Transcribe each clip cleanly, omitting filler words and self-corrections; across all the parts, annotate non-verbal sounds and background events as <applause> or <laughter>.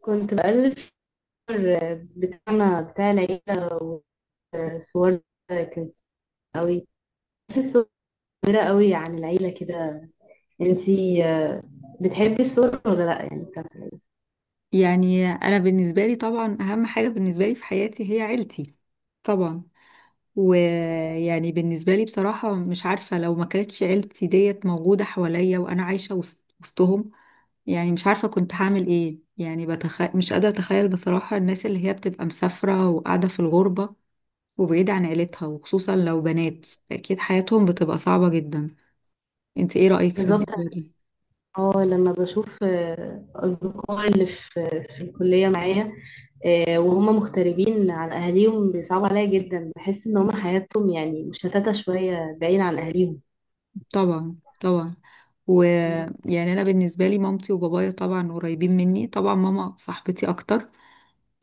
كنت بقلب في بتاعنا بتاع العيلة وصور كانت قوي، بس الصور كبيرة قوي عن العيلة كده. انتي بتحبي الصور ولا لأ؟ يعني بتاعت العيلة. يعني انا بالنسبه لي طبعا اهم حاجه بالنسبه لي في حياتي هي عيلتي. طبعا. ويعني بالنسبه لي بصراحه مش عارفه لو ما كانتش عيلتي ديت موجوده حواليا وانا عايشه وسطهم. يعني مش عارفه كنت هعمل ايه، يعني مش قادره اتخيل بصراحه الناس اللي هي بتبقى مسافره وقاعده في الغربه وبعيده عن عيلتها وخصوصا لو بنات. اكيد حياتهم بتبقى صعبه جدا. انت ايه رايك في بالظبط. الموضوع ده؟ اه، لما بشوف أصدقائي اللي في الكلية معايا، وهم مغتربين عن أهاليهم بيصعب عليا جدا، بحس إن هم حياتهم يعني مشتتة شوية بعيد عن أهاليهم. طبعا طبعا. ويعني انا بالنسبه لي مامتي وبابايا طبعا قريبين مني، طبعا ماما صاحبتي اكتر.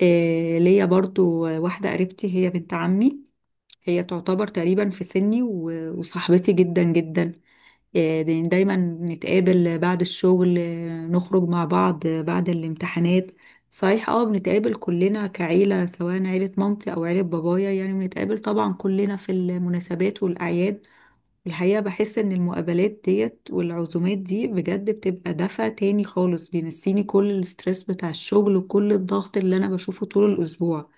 إيه، ليا برضو واحده قريبتي هي بنت عمي. هي تعتبر تقريبا في سني وصاحبتي جدا جدا. إيه، دايما نتقابل بعد الشغل، نخرج مع بعض، بعد الامتحانات. صحيح، اه، بنتقابل كلنا كعيله سواء عيله مامتي او عيله بابايا، يعني بنتقابل طبعا كلنا في المناسبات والاعياد. الحقيقة بحس إن المقابلات ديت والعزومات دي بجد بتبقى دفع تاني خالص، بينسيني كل الستريس بتاع الشغل وكل الضغط اللي أنا بشوفه طول الأسبوع.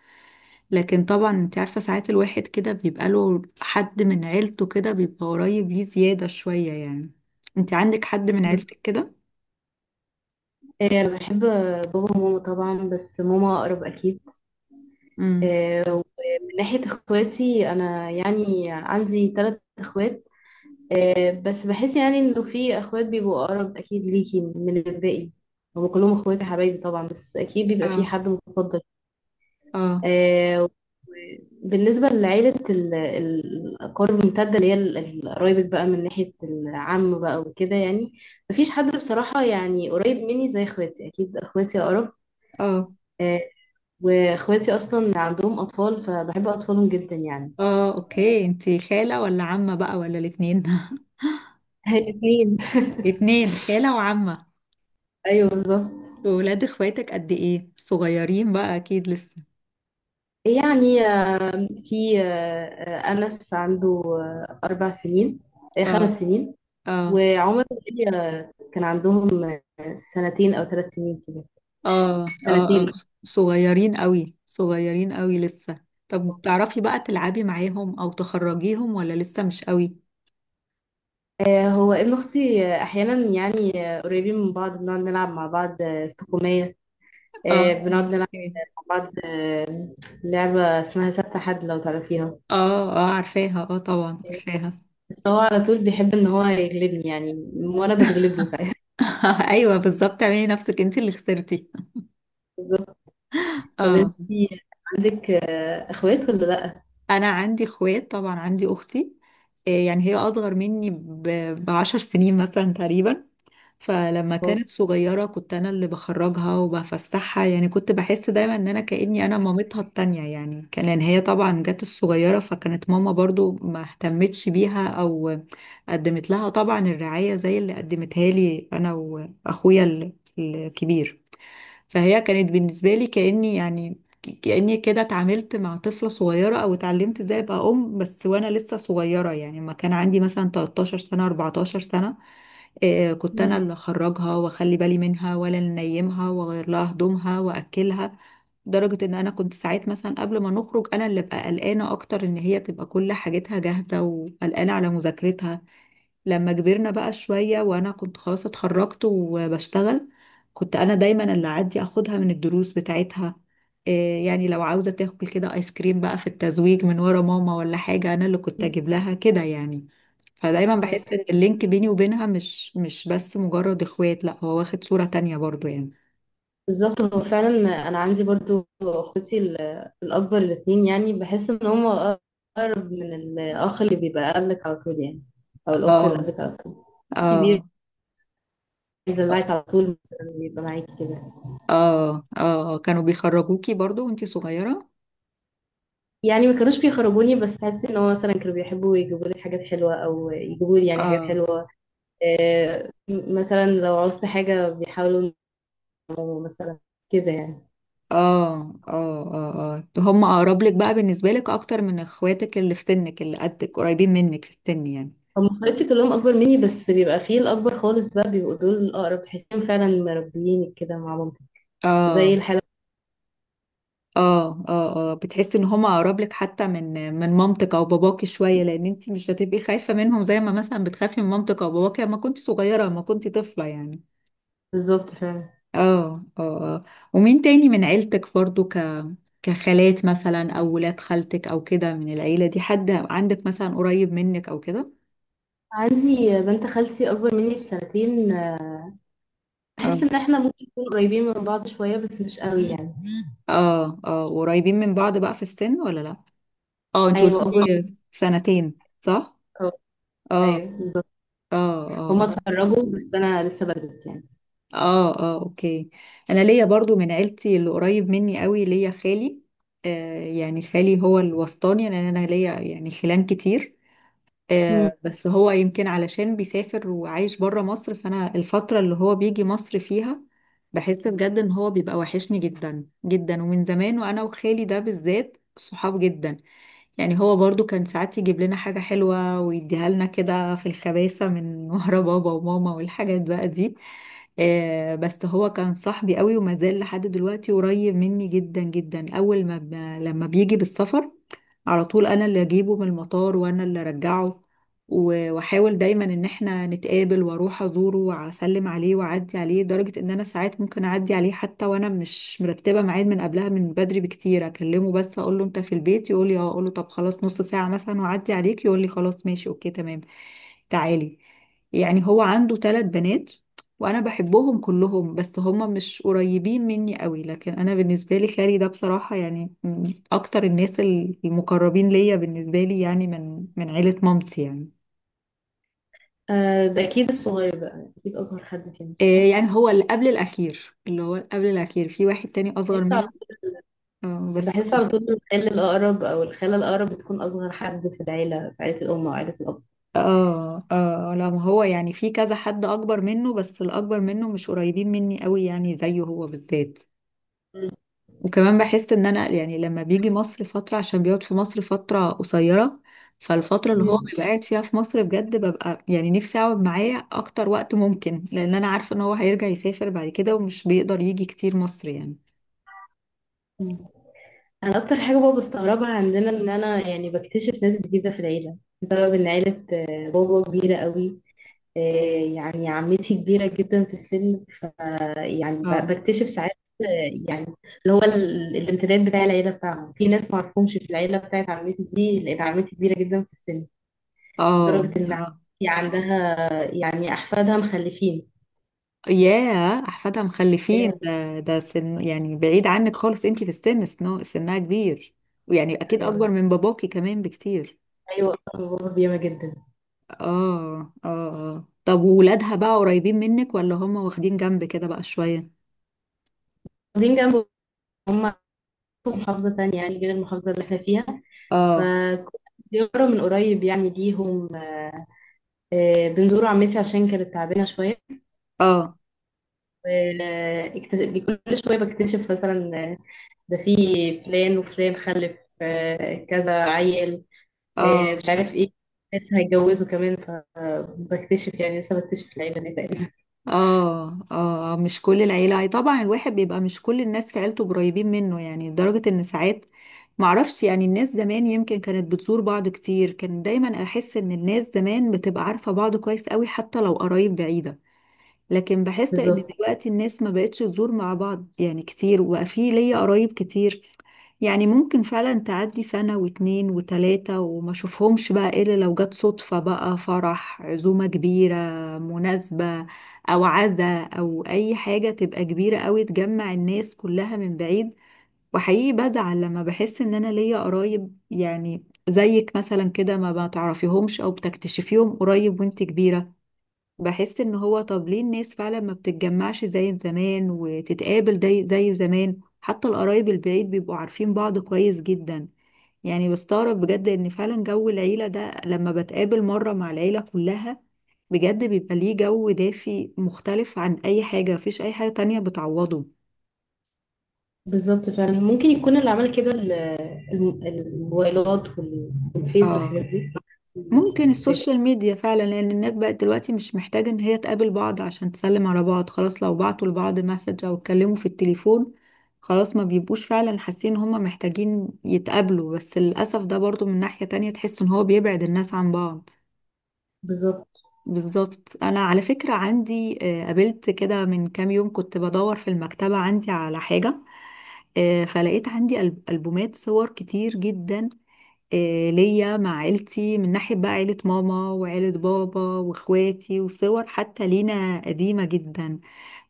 لكن طبعا أنت عارفة ساعات الواحد كده بيبقى له حد من عيلته كده بيبقى قريب ليه زيادة شوية يعني. أنت عندك حد من بالظبط. عيلتك كده؟ أنا بحب بابا وماما طبعا، بس ماما أقرب أكيد. امم. ومن ناحية اخواتي انا يعني عندي 3 اخوات. بس بحس يعني انه في اخوات بيبقوا اقرب اكيد ليكي من الباقي. هم كلهم اخواتي حبايبي طبعا، بس اكيد بيبقى في اه حد مفضل. اه آه، بالنسبة لعيلة الأقارب الممتدة اللي هي قرايبك بقى من ناحية العم بقى وكده، يعني مفيش حد بصراحة يعني قريب مني زي اخواتي، أكيد اخواتي أقرب. اه. آه، واخواتي أصلا عندهم أطفال فبحب أطفالهم جدا يعني. اه، اوكي. أنت خالة ولا عمة بقى ولا الاتنين؟ <laughs> هي اتنين. اتنين، خالة وعمة. <laughs> ايوه بالظبط. وولاد اخواتك قد ايه؟ صغيرين بقى أكيد لسه. يعني في انس عنده 4 سنين، اه 5 سنين. اه وعمر وهي كان عندهم سنتين او 3 سنين كده. اه اه اه. سنتين. صغيرين قوي، صغيرين قوي لسه. طب بتعرفي بقى تلعبي معاهم او تخرجيهم ولا لسه مش قوي؟ هو ابن اختي، احيانا يعني قريبين من بعض، بنقعد نلعب مع بعض استقومية. اه بنقعد اه. نلعب إيه. مع بعض آه، لعبة اسمها سبت حد، لو تعرفيها. اه، عارفاها، اه طبعا عارفاها. بس هو على طول بيحب ان هو يغلبني يعني، وانا بتغلب له ساعات. <laughs> ايوه بالظبط، اعملي نفسك انت اللي خسرتي. <laughs> طب اه. انتي عندك اخوات ولا لا؟ انا عندي اخوات طبعا، عندي اختي. يعني هي اصغر مني بعشر سنين مثلا تقريبا. فلما كانت آه. صغيرة كنت أنا اللي بخرجها وبفسحها، يعني كنت بحس دايما إن أنا كأني أنا مامتها التانية، يعني كان لأن هي طبعا جت الصغيرة فكانت ماما برضو ما اهتمتش بيها أو قدمت لها طبعا الرعاية زي اللي قدمتها لي أنا وأخويا الكبير. فهي كانت بالنسبة لي كأني يعني كأني كده اتعاملت مع طفلة صغيرة أو اتعلمت ازاي أبقى أم، بس وأنا لسه صغيرة، يعني ما كان عندي مثلا 13 سنة 14 سنة. كنت انا اللي اخرجها واخلي بالي منها ولا ننيمها واغير لها هدومها واكلها. لدرجة ان انا كنت ساعات مثلا قبل ما نخرج انا اللي ببقى قلقانة اكتر ان هي تبقى كل حاجتها جاهزة وقلقانة على مذاكرتها. لما كبرنا بقى شوية وأنا كنت خلاص اتخرجت وبشتغل كنت أنا دايما اللي أعدي أخدها من الدروس بتاعتها. إيه، يعني لو عاوزة تاكل كده آيس كريم بقى في التزويق من ورا ماما ولا حاجة أنا اللي كنت أجيب لها كده يعني. فدايما اه، بحس إن اللينك بيني وبينها مش بس مجرد إخوات، لأ، هو واخد صورة تانية برضو يعني. بالظبط هو فعلا. انا عندي برضو اخوتي الاكبر الاثنين يعني، بحس ان هم اقرب من الاخ اللي بيبقى قبلك على طول يعني، او الاخت اللي اه قبلك على طول كبير، اه بيدلعك على طول مثلا، بيبقى معاكي كده. اه اه، كانوا بيخرجوكي برضو وانتي صغيرة؟ يعني ما كانوش بيخرجوني، بس حاسس ان هو مثلا كانوا بيحبوا يجيبوا لي حاجات حلوه، او يجيبوا لي يعني حاجات اه حلوه. مثلا لو عوزت حاجه بيحاولوا يجيبوا مثلا كده يعني. اه اه اه اه، هم اقرب لك بقى بالنسبة لك اكتر من اخواتك اللي في سنك اللي قدك قريبين منك في السن يعني. هم اخواتي كلهم اكبر مني، بس بيبقى فيه الاكبر خالص بقى بيبقوا دول الاقرب، تحسهم فعلا مربيين كده مع مامتي اه زي الحاله. اه اه اه، بتحسي ان هم اقرب لك حتى من مامتك او باباكي شوية، لان انت مش هتبقي خايفة منهم زي ما مثلا بتخافي من مامتك او باباكي لما كنت صغيرة لما كنت طفلة يعني. بالظبط فعلا. اه اه اه. ومين تاني من عيلتك برضو، كخالات مثلا او ولاد خالتك او كده، من العيلة دي حد عندك مثلا قريب منك او كده؟ عندي بنت خالتي اكبر مني بسنتين. آه. بحس ان احنا ممكن نكون قريبين من بعض شويه، بس مش قوي يعني. اه اه، قريبين من بعض بقى في السن ولا لا؟ اه، انت ايوه قلت اكبر لي سنتين، صح. مني. اه ايوه بالظبط. اه هما اه اتخرجوا بس انا لسه بدرس يعني. اه اه، اوكي. انا ليا برضو من عيلتي اللي قريب مني قوي، ليا خالي. آه يعني خالي هو الوسطاني لان انا ليا يعني خلان كتير. مم. آه بس هو يمكن علشان بيسافر وعايش بره مصر، فانا الفترة اللي هو بيجي مصر فيها بحس بجد ان هو بيبقى وحشني جدا جدا. ومن زمان وانا وخالي ده بالذات صحاب جدا. يعني هو برضو كان ساعات يجيب لنا حاجة حلوة ويديها لنا كده في الخباثة من <laughs> ورا بابا وماما والحاجات بقى دي. بس هو كان صاحبي قوي وما زال لحد دلوقتي قريب مني جدا جدا. أول ما ب... لما بيجي بالسفر على طول أنا اللي أجيبه من المطار وأنا اللي أرجعه. واحاول دايما ان احنا نتقابل واروح ازوره واسلم عليه واعدي عليه، لدرجه ان انا ساعات ممكن اعدي عليه حتى وانا مش مرتبه ميعاد من قبلها من بدري بكتير. اكلمه بس اقول له انت في البيت، يقول لي اه، اقول له طب خلاص نص ساعه مثلا واعدي عليك، يقول لي خلاص ماشي اوكي تمام تعالي. يعني هو عنده 3 بنات وانا بحبهم كلهم، بس هما مش قريبين مني قوي، لكن انا بالنسبه لي خالي ده بصراحه يعني من اكتر الناس المقربين ليا بالنسبه لي، يعني من عيله مامتي يعني. آه، ده اكيد الصغير بقى، اكيد اصغر حد فيهم آه، صح؟ يعني هو اللي قبل الأخير، اللي هو قبل الأخير في واحد تاني أصغر بحس على منه. طول بس بحس على طول الخال الاقرب او الخاله الاقرب بتكون اصغر حد في العيله، في عيله الام او عيله الاب. اه اه، لا، ما هو يعني في كذا حد أكبر منه بس الأكبر منه مش قريبين مني قوي يعني زيه هو بالذات. وكمان بحس إن أنا يعني لما بيجي مصر فترة، عشان بيقعد في مصر فترة قصيرة. فالفترة اللي هو مم. بيبقى قاعد فيها في مصر بجد ببقى يعني نفسي أقعد معاه أكتر وقت ممكن، لأن أنا عارفة إن هو هيرجع يسافر بعد كده ومش بيقدر يجي كتير مصر يعني. مم. انا اكتر حاجه بقى بستغربها عندنا، ان انا يعني بكتشف ناس جديده في العيله بسبب ان عيله بابا كبيره قوي. آه، يعني عمتي كبيره جدا في السن، ف يعني اه بكتشف ساعات آه، يعني اللي هو الامتداد بتاع العيله بتاعهم، في ناس ما اعرفهمش في العيله بتاعت عمتي دي لان عمتي كبيره جدا في السن، اه لدرجه ان عمتي اه، عندها يعني احفادها مخلفين. ياه احفادها مخلفين، ايوه، ده سن يعني بعيد عنك خالص، انتي في السن سنها كبير. ويعني اكيد اكبر ايوه، من باباكي كمان بكتير. ايوه، بابا بياما جدا. اه اه اه، طب وولادها بقى قريبين منك ولا هم واخدين جنب كده بقى شوية؟ واخدين جنب، هم في محافظه تانية يعني غير المحافظه اللي احنا فيها، اه فكنت زيارة من قريب يعني ليهم. بنزور عمتي عشان كانت تعبانة شوية. اه واكتشف كل شوية، بكتشف مثلا ده في فلان وفلان خلف كذا عيل اه مش عارف ايه، لسه هيتجوزوا كمان، فبكتشف يعني لسه بكتشف العيلة دي تقريبا. اه اه. مش كل العيلة، أي طبعا الواحد بيبقى مش كل الناس في عيلته قريبين منه يعني، لدرجة ان ساعات معرفش يعني. الناس زمان يمكن كانت بتزور بعض كتير، كان دايما احس ان الناس زمان بتبقى عارفة بعض كويس قوي حتى لو قرايب بعيدة. لكن بحس ان بالظبط. دلوقتي الناس ما بقتش تزور مع بعض يعني كتير، وبقى في ليا قرايب كتير يعني ممكن فعلا تعدي سنة واتنين وتلاتة وما اشوفهمش بقى إلا لو جت صدفة بقى فرح، عزومة كبيرة، مناسبة، أو عزا، أو أي حاجة تبقى كبيرة أوي تجمع الناس كلها من بعيد. وحقيقي بزعل لما بحس إن أنا ليا قرايب يعني زيك مثلا كده ما بتعرفيهمش أو بتكتشفيهم قريب وانت كبيرة. بحس ان هو طب ليه الناس فعلا ما بتتجمعش زي زمان وتتقابل زي زمان، حتى القرايب البعيد بيبقوا عارفين بعض كويس جدا. يعني بستغرب بجد ان فعلا جو العيلة ده لما بتقابل مرة مع العيلة كلها بجد بيبقى ليه جو دافي مختلف عن اي حاجة، مفيش اي حاجة تانية بتعوضه. بالظبط فعلا، ممكن يكون اللي عمل كده الموبايلات والفيس اه، والحاجات دي. ممكن شايفة. السوشيال ميديا فعلا، لان الناس بقت دلوقتي مش محتاجة ان هي تقابل بعض عشان تسلم على بعض، خلاص لو بعتوا لبعض مسج او اتكلموا في التليفون خلاص ما بيبقوش فعلا حاسين ان هما محتاجين يتقابلوا. بس للأسف ده برضو من ناحية تانية تحس ان هو بيبعد الناس عن بعض. بالظبط. بالظبط. انا على فكرة عندي، قابلت كده من كام يوم كنت بدور في المكتبة عندي على حاجة، فلقيت عندي ألبومات صور كتير جدا، ليا مع عيلتي من ناحية بقى عيلة ماما وعيلة بابا واخواتي، وصور حتى لينا قديمة جدا.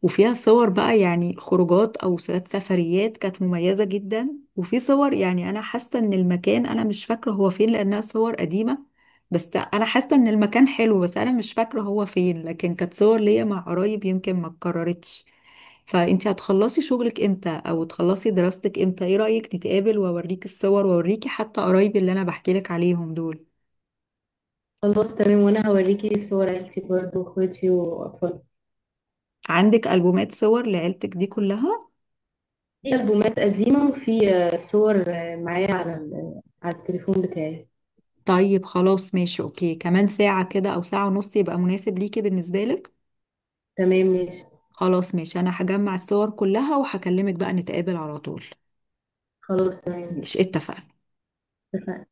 وفيها صور بقى يعني خروجات أو ساعات سفريات كانت مميزة جدا. وفي صور يعني أنا حاسة إن المكان أنا مش فاكرة هو فين لأنها صور قديمة، بس أنا حاسة إن المكان حلو بس أنا مش فاكرة هو فين، لكن كانت صور ليا مع قرايب يمكن ما اتكررتش. فانت هتخلصي شغلك امتى او تخلصي دراستك امتى؟ ايه رأيك نتقابل واوريك الصور واوريكي حتى قرايبي اللي انا بحكي لك عليهم دول؟ خلاص تمام، وانا هوريكي صور عيلتي برضو واخواتي واطفالي. عندك ألبومات صور لعيلتك دي كلها؟ في البومات قديمه، وفي صور معايا على على التليفون بتاعي. طيب خلاص ماشي اوكي، كمان ساعة كده او ساعة ونص يبقى مناسب ليكي بالنسبة لك؟ تمام ماشي. خلاص ماشي، انا هجمع الصور كلها وهكلمك بقى نتقابل على طول. خلاص تمام. مش اتفقنا؟ اتفقنا.